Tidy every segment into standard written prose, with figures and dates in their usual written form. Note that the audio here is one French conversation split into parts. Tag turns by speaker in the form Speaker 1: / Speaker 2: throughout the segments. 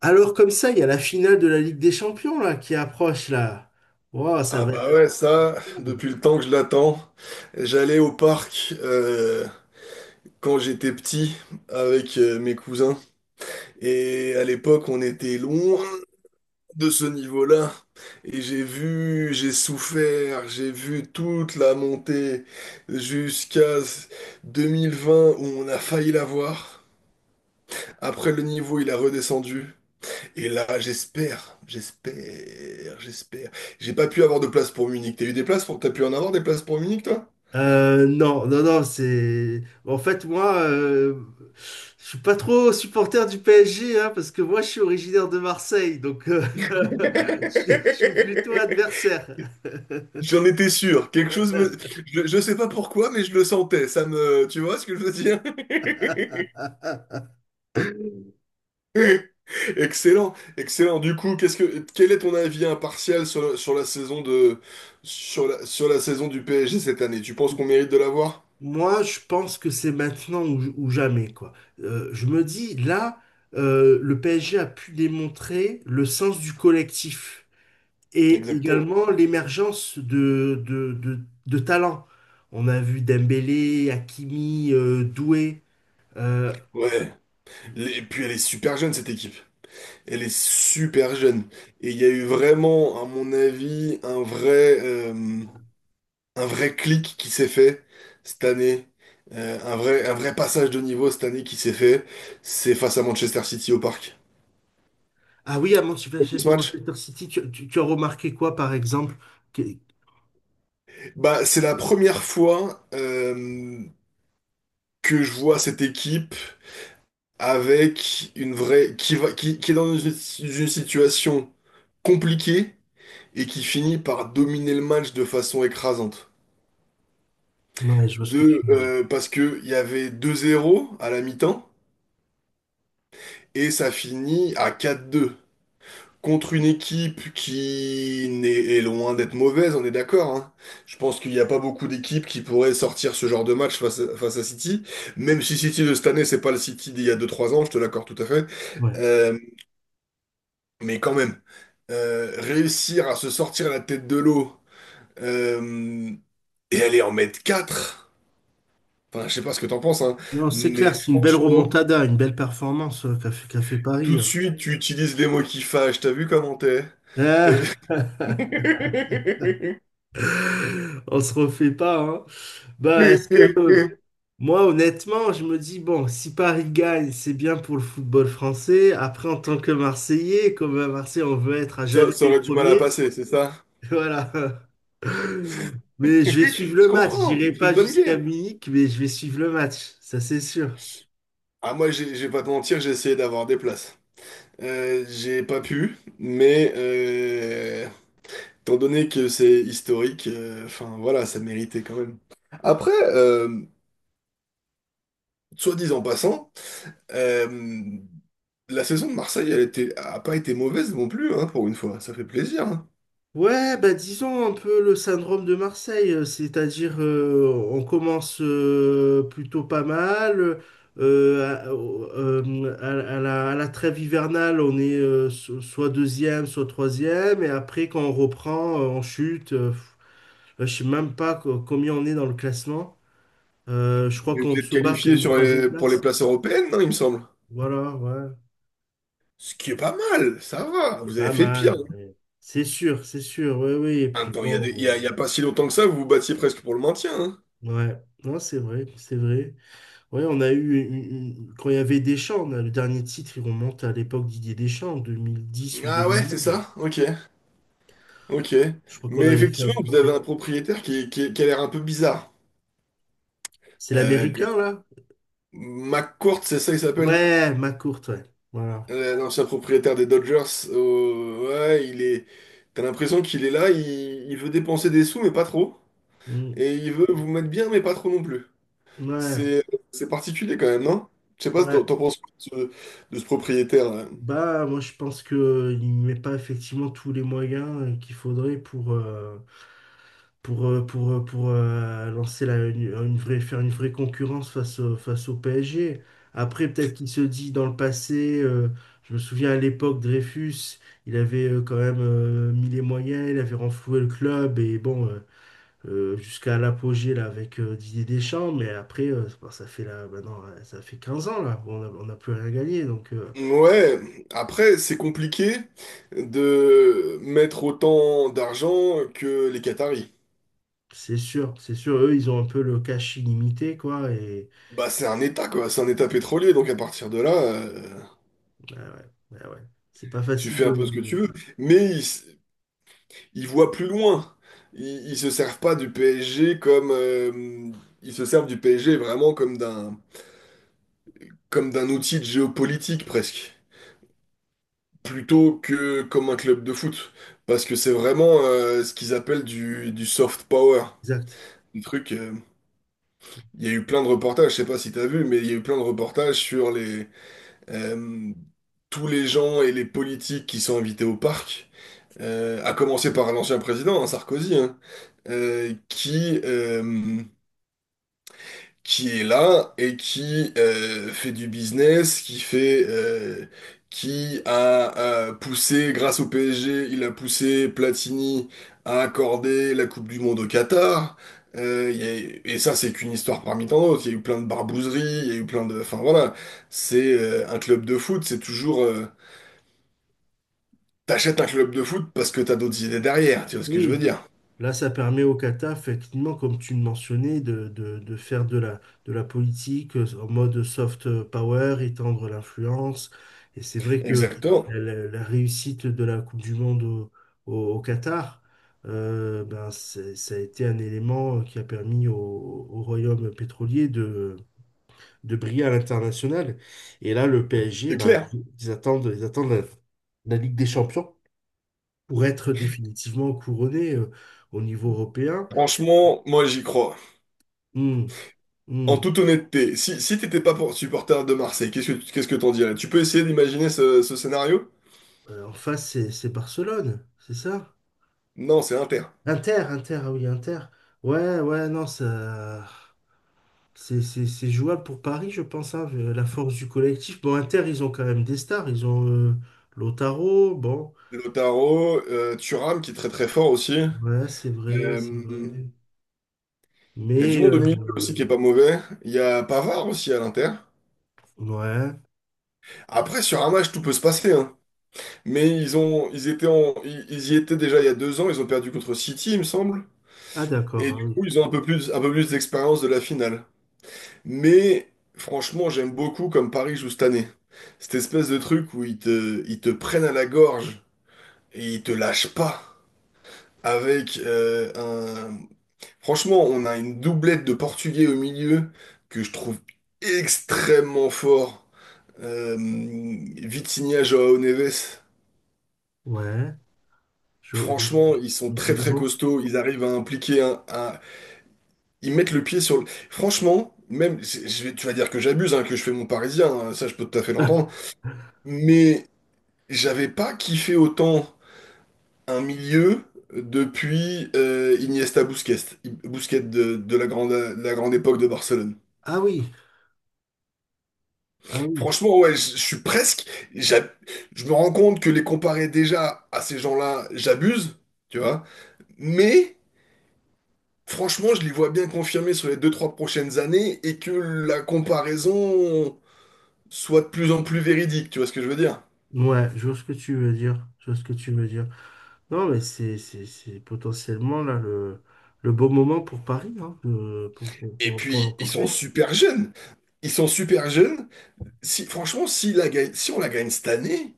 Speaker 1: Alors comme ça, il y a la finale de la Ligue des Champions là qui approche là. Wow, ça
Speaker 2: Ah
Speaker 1: va être
Speaker 2: bah ouais, ça,
Speaker 1: incroyable.
Speaker 2: depuis le temps que je l'attends, j'allais au parc quand j'étais petit avec mes cousins. Et à l'époque, on était loin de ce niveau-là. Et j'ai vu, j'ai souffert, j'ai vu toute la montée jusqu'à 2020 où on a failli l'avoir. Après le niveau, il a redescendu. Et là, j'espère, j'espère, j'espère. J'ai pas pu avoir de place pour Munich. T'as pu en avoir des places pour Munich, toi?
Speaker 1: Non, non, non, c'est... En fait, moi, je suis pas trop supporter du PSG, hein, parce que moi, je suis originaire de Marseille, donc je suis plutôt adversaire.
Speaker 2: J'en étais sûr. Je sais pas pourquoi, mais je le sentais. Tu vois ce que je veux dire? Excellent, excellent. Du coup, quel est ton avis impartial sur la saison du PSG cette année? Tu penses qu'on mérite de l'avoir?
Speaker 1: Moi, je pense que c'est maintenant ou jamais, quoi. Je me dis, là, le PSG a pu démontrer le sens du collectif, et
Speaker 2: Exactement.
Speaker 1: également l'émergence de talents. On a vu Dembélé, Hakimi, Doué. euh,
Speaker 2: Ouais. Et puis elle est super jeune, cette équipe. Elle est super jeune. Et il y a eu vraiment, à mon avis, un vrai clic qui s'est fait cette année, un vrai passage de niveau cette année qui s'est fait, c'est face à Manchester City au Parc.
Speaker 1: ah oui, à
Speaker 2: De Ce match,
Speaker 1: Manchester City, tu as remarqué quoi, par exemple? Que-
Speaker 2: bah, c'est la première fois que je vois cette équipe avec une vraie qui est dans une situation compliquée et qui finit par dominer le match de façon écrasante.
Speaker 1: Ouais, je vois ce que tu
Speaker 2: De,
Speaker 1: veux dire.
Speaker 2: euh, parce que il y avait 2-0 à la mi-temps et ça finit à 4-2. Contre une équipe qui n'est- est loin d'être mauvaise, on est d'accord, hein. Je pense qu'il n'y a pas beaucoup d'équipes qui pourraient sortir ce genre de match face à City. Même si City de cette année, c'est pas le City d'il y a 2 3 ans, je te l'accorde tout à fait.
Speaker 1: Ouais.
Speaker 2: Euh, mais quand même, réussir à se sortir la tête de l'eau euh, et aller en mettre 4. Enfin, je sais pas ce que t'en penses, hein,
Speaker 1: Non, c'est clair,
Speaker 2: mais
Speaker 1: c'est une belle
Speaker 2: franchement,
Speaker 1: remontada, une belle performance qu'a fait Paris,
Speaker 2: tout de
Speaker 1: hein.
Speaker 2: suite, tu utilises les mots qui fâchent. T'as vu comment t'es?
Speaker 1: Euh,
Speaker 2: T'as vu
Speaker 1: on se refait pas, hein. Bah, moi, honnêtement, je me dis, bon, si Paris gagne, c'est bien pour le football français. Après, en tant que Marseillais, comme à Marseille, on veut être à
Speaker 2: Ça,
Speaker 1: jamais
Speaker 2: ça
Speaker 1: les
Speaker 2: aurait du mal à
Speaker 1: premiers.
Speaker 2: passer, c'est ça?
Speaker 1: Voilà. Mais je vais suivre
Speaker 2: Je
Speaker 1: le match.
Speaker 2: comprends,
Speaker 1: J'irai
Speaker 2: mais c'est de
Speaker 1: pas
Speaker 2: bonne
Speaker 1: jusqu'à
Speaker 2: guerre.
Speaker 1: Munich, mais je vais suivre le match. Ça, c'est sûr.
Speaker 2: Ah, moi, je vais pas te mentir, j'ai essayé d'avoir des places. J'ai pas pu, mais étant donné que c'est historique, enfin voilà, ça méritait quand même. Après, soit dit en passant, euh, la saison de Marseille, a pas été mauvaise non plus, hein, pour une fois. Ça fait plaisir. Hein.
Speaker 1: Ouais, bah disons un peu le syndrome de Marseille, c'est-à-dire on commence plutôt pas mal, à la trêve hivernale on est soit deuxième, soit troisième, et après quand on reprend, on chute, là, je sais même pas combien on est dans le classement. Je crois
Speaker 2: Mais
Speaker 1: qu'on
Speaker 2: vous êtes
Speaker 1: se bat pour
Speaker 2: qualifié
Speaker 1: une troisième
Speaker 2: pour les
Speaker 1: place,
Speaker 2: places européennes, non, il me semble.
Speaker 1: voilà, ouais,
Speaker 2: Ce qui est pas mal, ça va.
Speaker 1: c'est
Speaker 2: Vous avez
Speaker 1: pas
Speaker 2: fait pire.
Speaker 1: mal,
Speaker 2: Hein.
Speaker 1: ouais. C'est sûr, oui, oui, et
Speaker 2: En même
Speaker 1: puis
Speaker 2: temps, il y a, des- il
Speaker 1: bon,
Speaker 2: y a pas si longtemps que ça, vous vous battiez presque pour le maintien. Hein.
Speaker 1: ouais, non, c'est vrai, c'est vrai. Ouais, on a eu quand il y avait Deschamps, on a le dernier titre, il remonte à l'époque Didier Deschamps, en 2010 ou deux
Speaker 2: Ah ouais,
Speaker 1: mille
Speaker 2: c'est
Speaker 1: onze.
Speaker 2: ça? Ok, ok.
Speaker 1: Je crois
Speaker 2: Mais
Speaker 1: qu'on avait fait un
Speaker 2: effectivement, vous avez
Speaker 1: couplet.
Speaker 2: un propriétaire qui a l'air un peu bizarre.
Speaker 1: C'est
Speaker 2: Euh, que-
Speaker 1: l'américain, là?
Speaker 2: McCourt, c'est ça, il s'appelle?
Speaker 1: Ouais, ma courte, ouais. Voilà.
Speaker 2: L'ancien propriétaire des Dodgers. Oh, ouais. T'as l'impression qu'il est là, il veut dépenser des sous, mais pas trop.
Speaker 1: Mm.
Speaker 2: Et il veut vous mettre bien, mais pas trop non plus.
Speaker 1: Ouais,
Speaker 2: C'est c'est particulier quand même, non? Je sais pas, t'en
Speaker 1: ouais.
Speaker 2: t'en penses quoi de ce propriétaire?
Speaker 1: Bah, moi, je pense que il met pas effectivement tous les moyens qu'il faudrait pour, lancer une vraie, faire une vraie concurrence face au PSG. Après, peut-être qu'il se dit dans le passé, je me souviens à l'époque, Dreyfus, il avait quand même mis les moyens, il avait renfloué le club, et bon, jusqu'à l'apogée là, avec Didier Deschamps, mais après, bah, ça fait là, maintenant, ça fait 15 ans là, on n'a plus rien gagné, donc
Speaker 2: Ouais, après, c'est compliqué de mettre autant d'argent que les Qataris.
Speaker 1: c'est sûr, eux, ils ont un peu le cash illimité, quoi. Et
Speaker 2: Bah, c'est un État, quoi. C'est un État pétrolier, donc à partir de là,
Speaker 1: ah ouais, ah ouais, c'est pas
Speaker 2: tu
Speaker 1: facile
Speaker 2: fais un peu ce que tu
Speaker 1: de-
Speaker 2: veux. Mais ils voient plus loin. Ils se servent pas du PSG ils se servent du PSG vraiment comme d'un outil de géopolitique, presque. Plutôt que comme un club de foot. Parce que c'est vraiment ce qu'ils appellent du soft power.
Speaker 1: Exact.
Speaker 2: Un truc... Il y a eu plein de reportages, je sais pas si t'as vu, mais il y a eu plein de reportages sur les euh, tous les gens et les politiques qui sont invités au parc, à commencer par l'ancien président, hein, Sarkozy, hein, euh, qui euh, qui est là et qui fait du business, qui a poussé, grâce au PSG, il a poussé Platini à accorder la Coupe du Monde au Qatar. Et ça, c'est qu'une histoire parmi tant d'autres. Il y a eu plein de barbouzeries, il y a eu plein de... Enfin voilà, c'est un club de foot. T'achètes un club de foot parce que t'as d'autres idées derrière, tu vois ce que je
Speaker 1: Oui,
Speaker 2: veux dire?
Speaker 1: là, ça permet au Qatar, effectivement, comme tu le mentionnais, de, de faire de la politique en mode soft power, étendre l'influence. Et c'est vrai que
Speaker 2: Exactement,
Speaker 1: la réussite de la Coupe du Monde au Qatar, ben, c'est- ça a été un élément qui a permis au, au royaume pétrolier de briller à l'international. Et là, le PSG,
Speaker 2: c'est
Speaker 1: ben,
Speaker 2: clair.
Speaker 1: ils attendent la la Ligue des Champions pour être définitivement couronné au niveau européen.
Speaker 2: Franchement, moi j'y crois.
Speaker 1: Hmm,
Speaker 2: En
Speaker 1: hmm.
Speaker 2: toute honnêteté, si t'étais pas supporter de Marseille, qu'est-ce que t'en dirais? Tu peux essayer d'imaginer ce scénario?
Speaker 1: En face, c'est Barcelone, c'est ça?
Speaker 2: Non, c'est Inter.
Speaker 1: Inter, Inter, ah oui, Inter. Ouais, ouais, non, ça, c'est c'est jouable pour Paris, je pense, hein, vu la force du collectif. Bon, Inter, ils ont quand même des stars, ils ont Lautaro, bon,
Speaker 2: Lautaro, Thuram qui est très très fort aussi.
Speaker 1: ouais, c'est vrai, c'est
Speaker 2: Euh,
Speaker 1: vrai.
Speaker 2: Il y a du
Speaker 1: Mais,
Speaker 2: monde au milieu aussi qui est pas mauvais. Il y a Pavard aussi à l'Inter.
Speaker 1: ouais,
Speaker 2: Après, sur un match, tout peut se passer, hein. Mais ils ont, ils étaient en, ils y étaient déjà il y a 2 ans. Ils ont perdu contre City, il me semble.
Speaker 1: ah
Speaker 2: Et
Speaker 1: d'accord, ah
Speaker 2: du coup,
Speaker 1: oui.
Speaker 2: ils ont un peu plus d'expérience de la finale. Mais franchement, j'aime beaucoup comme Paris joue cette année. Cette espèce de truc où ils te prennent à la gorge et ils te lâchent pas. Avec euh, un... Franchement, on a une doublette de Portugais au milieu que je trouve extrêmement fort. Vitinha, João Neves.
Speaker 1: ouais, je-
Speaker 2: Franchement, ils sont
Speaker 1: il
Speaker 2: très
Speaker 1: est
Speaker 2: très
Speaker 1: bon.
Speaker 2: costauds. Ils arrivent à impliquer. Ils mettent le pied. Franchement, même... je vais- Tu vas dire que j'abuse, hein, que je fais mon parisien. Hein, ça, je peux tout à fait l'entendre. Mais j'avais pas kiffé autant un milieu depuis Iniesta Busquets, Busquets de la grande époque de Barcelone.
Speaker 1: Ah oui, ah oui.
Speaker 2: Franchement, ouais, je suis presque. j'a- Je me rends compte que les comparer déjà à ces gens-là, j'abuse, tu vois. Mais franchement, je les vois bien confirmés sur les 2, 3 prochaines années et que la comparaison soit de plus en plus véridique, tu vois ce que je veux dire?
Speaker 1: Ouais, je vois ce que tu veux dire. Je vois ce que tu veux dire. Non, mais c'est c'est potentiellement là le beau moment pour Paris, hein,
Speaker 2: Et
Speaker 1: pour
Speaker 2: puis, ils sont
Speaker 1: l'emporter.
Speaker 2: super jeunes. Ils sont super jeunes. Si, franchement, si on la gagne cette année,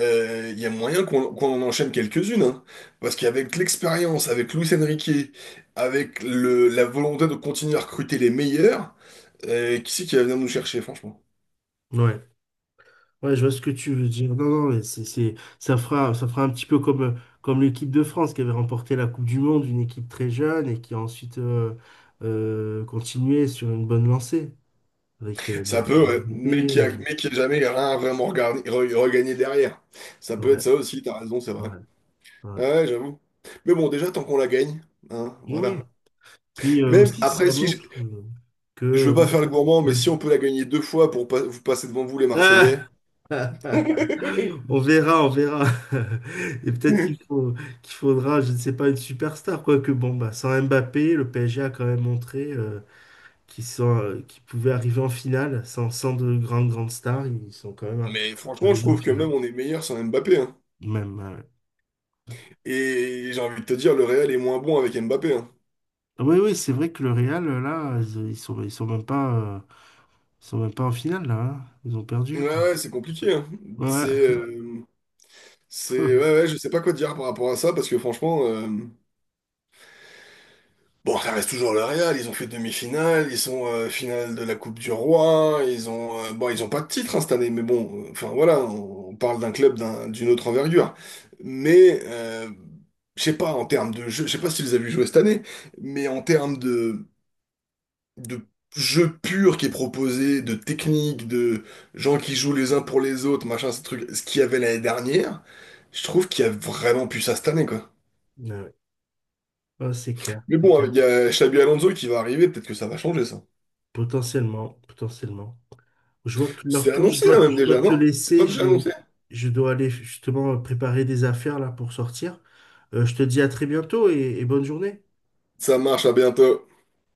Speaker 2: il y a moyen qu'on en enchaîne quelques-unes. Hein. Parce qu'avec l'expérience, avec Luis Enrique, avec la volonté de continuer à recruter les meilleurs, qui c'est qui va venir nous chercher, franchement?
Speaker 1: Ouais. Ouais, je vois ce que tu veux dire. Non, non, mais ça fera un petit peu comme, comme l'équipe de France qui avait remporté la Coupe du Monde, une équipe très jeune et qui a ensuite continué sur une bonne lancée avec bah,
Speaker 2: Ça peut, ouais, mais
Speaker 1: Mbappé,
Speaker 2: qui a, mais qui a jamais rien vraiment regagné derrière. Ça peut être
Speaker 1: ouais,
Speaker 2: ça aussi, t'as raison, c'est
Speaker 1: ouais,
Speaker 2: vrai.
Speaker 1: ouais.
Speaker 2: Ouais, j'avoue. Mais bon, déjà, tant qu'on la gagne, hein,
Speaker 1: Oui.
Speaker 2: voilà.
Speaker 1: Puis
Speaker 2: Même
Speaker 1: aussi,
Speaker 2: après,
Speaker 1: ça
Speaker 2: si je,
Speaker 1: montre
Speaker 2: je veux
Speaker 1: que.
Speaker 2: pas faire le gourmand,
Speaker 1: Ouais.
Speaker 2: mais si on peut la gagner deux fois pour pas, vous passer devant vous, les
Speaker 1: Ah
Speaker 2: Marseillais.
Speaker 1: On verra, on verra. Et peut-être qu'il faudra, je ne sais pas, une superstar, quoique bon, bah, sans Mbappé, le PSG a quand même montré qu'ils pouvaient arriver en finale. Sans de grandes stars, ils sont quand même
Speaker 2: Mais franchement, je
Speaker 1: arrivés en
Speaker 2: trouve que
Speaker 1: finale.
Speaker 2: même on est meilleur sans Mbappé. Hein.
Speaker 1: Même,
Speaker 2: Et j'ai envie de te dire, le Real est moins bon avec Mbappé. Hein.
Speaker 1: oui, oui, c'est vrai que le Real, là, ils sont même pas, ils sont même pas en finale, là, hein. Ils ont
Speaker 2: Ouais,
Speaker 1: perdu, quoi.
Speaker 2: ouais, c'est compliqué. Hein.
Speaker 1: Ouais.
Speaker 2: C'est, euh, c'est, ouais, ouais, je sais pas quoi te dire par rapport à ça parce que franchement, bon, ça reste toujours le Real. Ils ont fait demi-finale, ils sont finale de la Coupe du Roi. Ils ont, bon, ils ont pas de titre hein, cette année, mais bon, enfin voilà, on parle d'un club d'une autre envergure. Mais je sais pas en termes de jeu, je sais pas si tu les as vus jouer cette année, mais en termes de de jeu pur qui est proposé, de techniques, de gens qui jouent les uns pour les autres, machin, ce truc, ce qu'il y avait l'année dernière, je trouve qu'il y a vraiment plus ça cette année, quoi.
Speaker 1: Ouais, ouais. Ah, c'est clair,
Speaker 2: Mais
Speaker 1: c'est
Speaker 2: bon,
Speaker 1: clair.
Speaker 2: il y a Xabi Alonso qui va arriver, peut-être que ça va changer ça.
Speaker 1: Potentiellement, potentiellement. Je vois que leur
Speaker 2: C'est
Speaker 1: tour,
Speaker 2: annoncé, hein, même
Speaker 1: je dois
Speaker 2: déjà,
Speaker 1: te
Speaker 2: non? C'est pas
Speaker 1: laisser.
Speaker 2: déjà annoncé?
Speaker 1: J'ai, je dois aller justement préparer des affaires là pour sortir. Je te dis à très bientôt et bonne journée.
Speaker 2: Ça marche, à bientôt.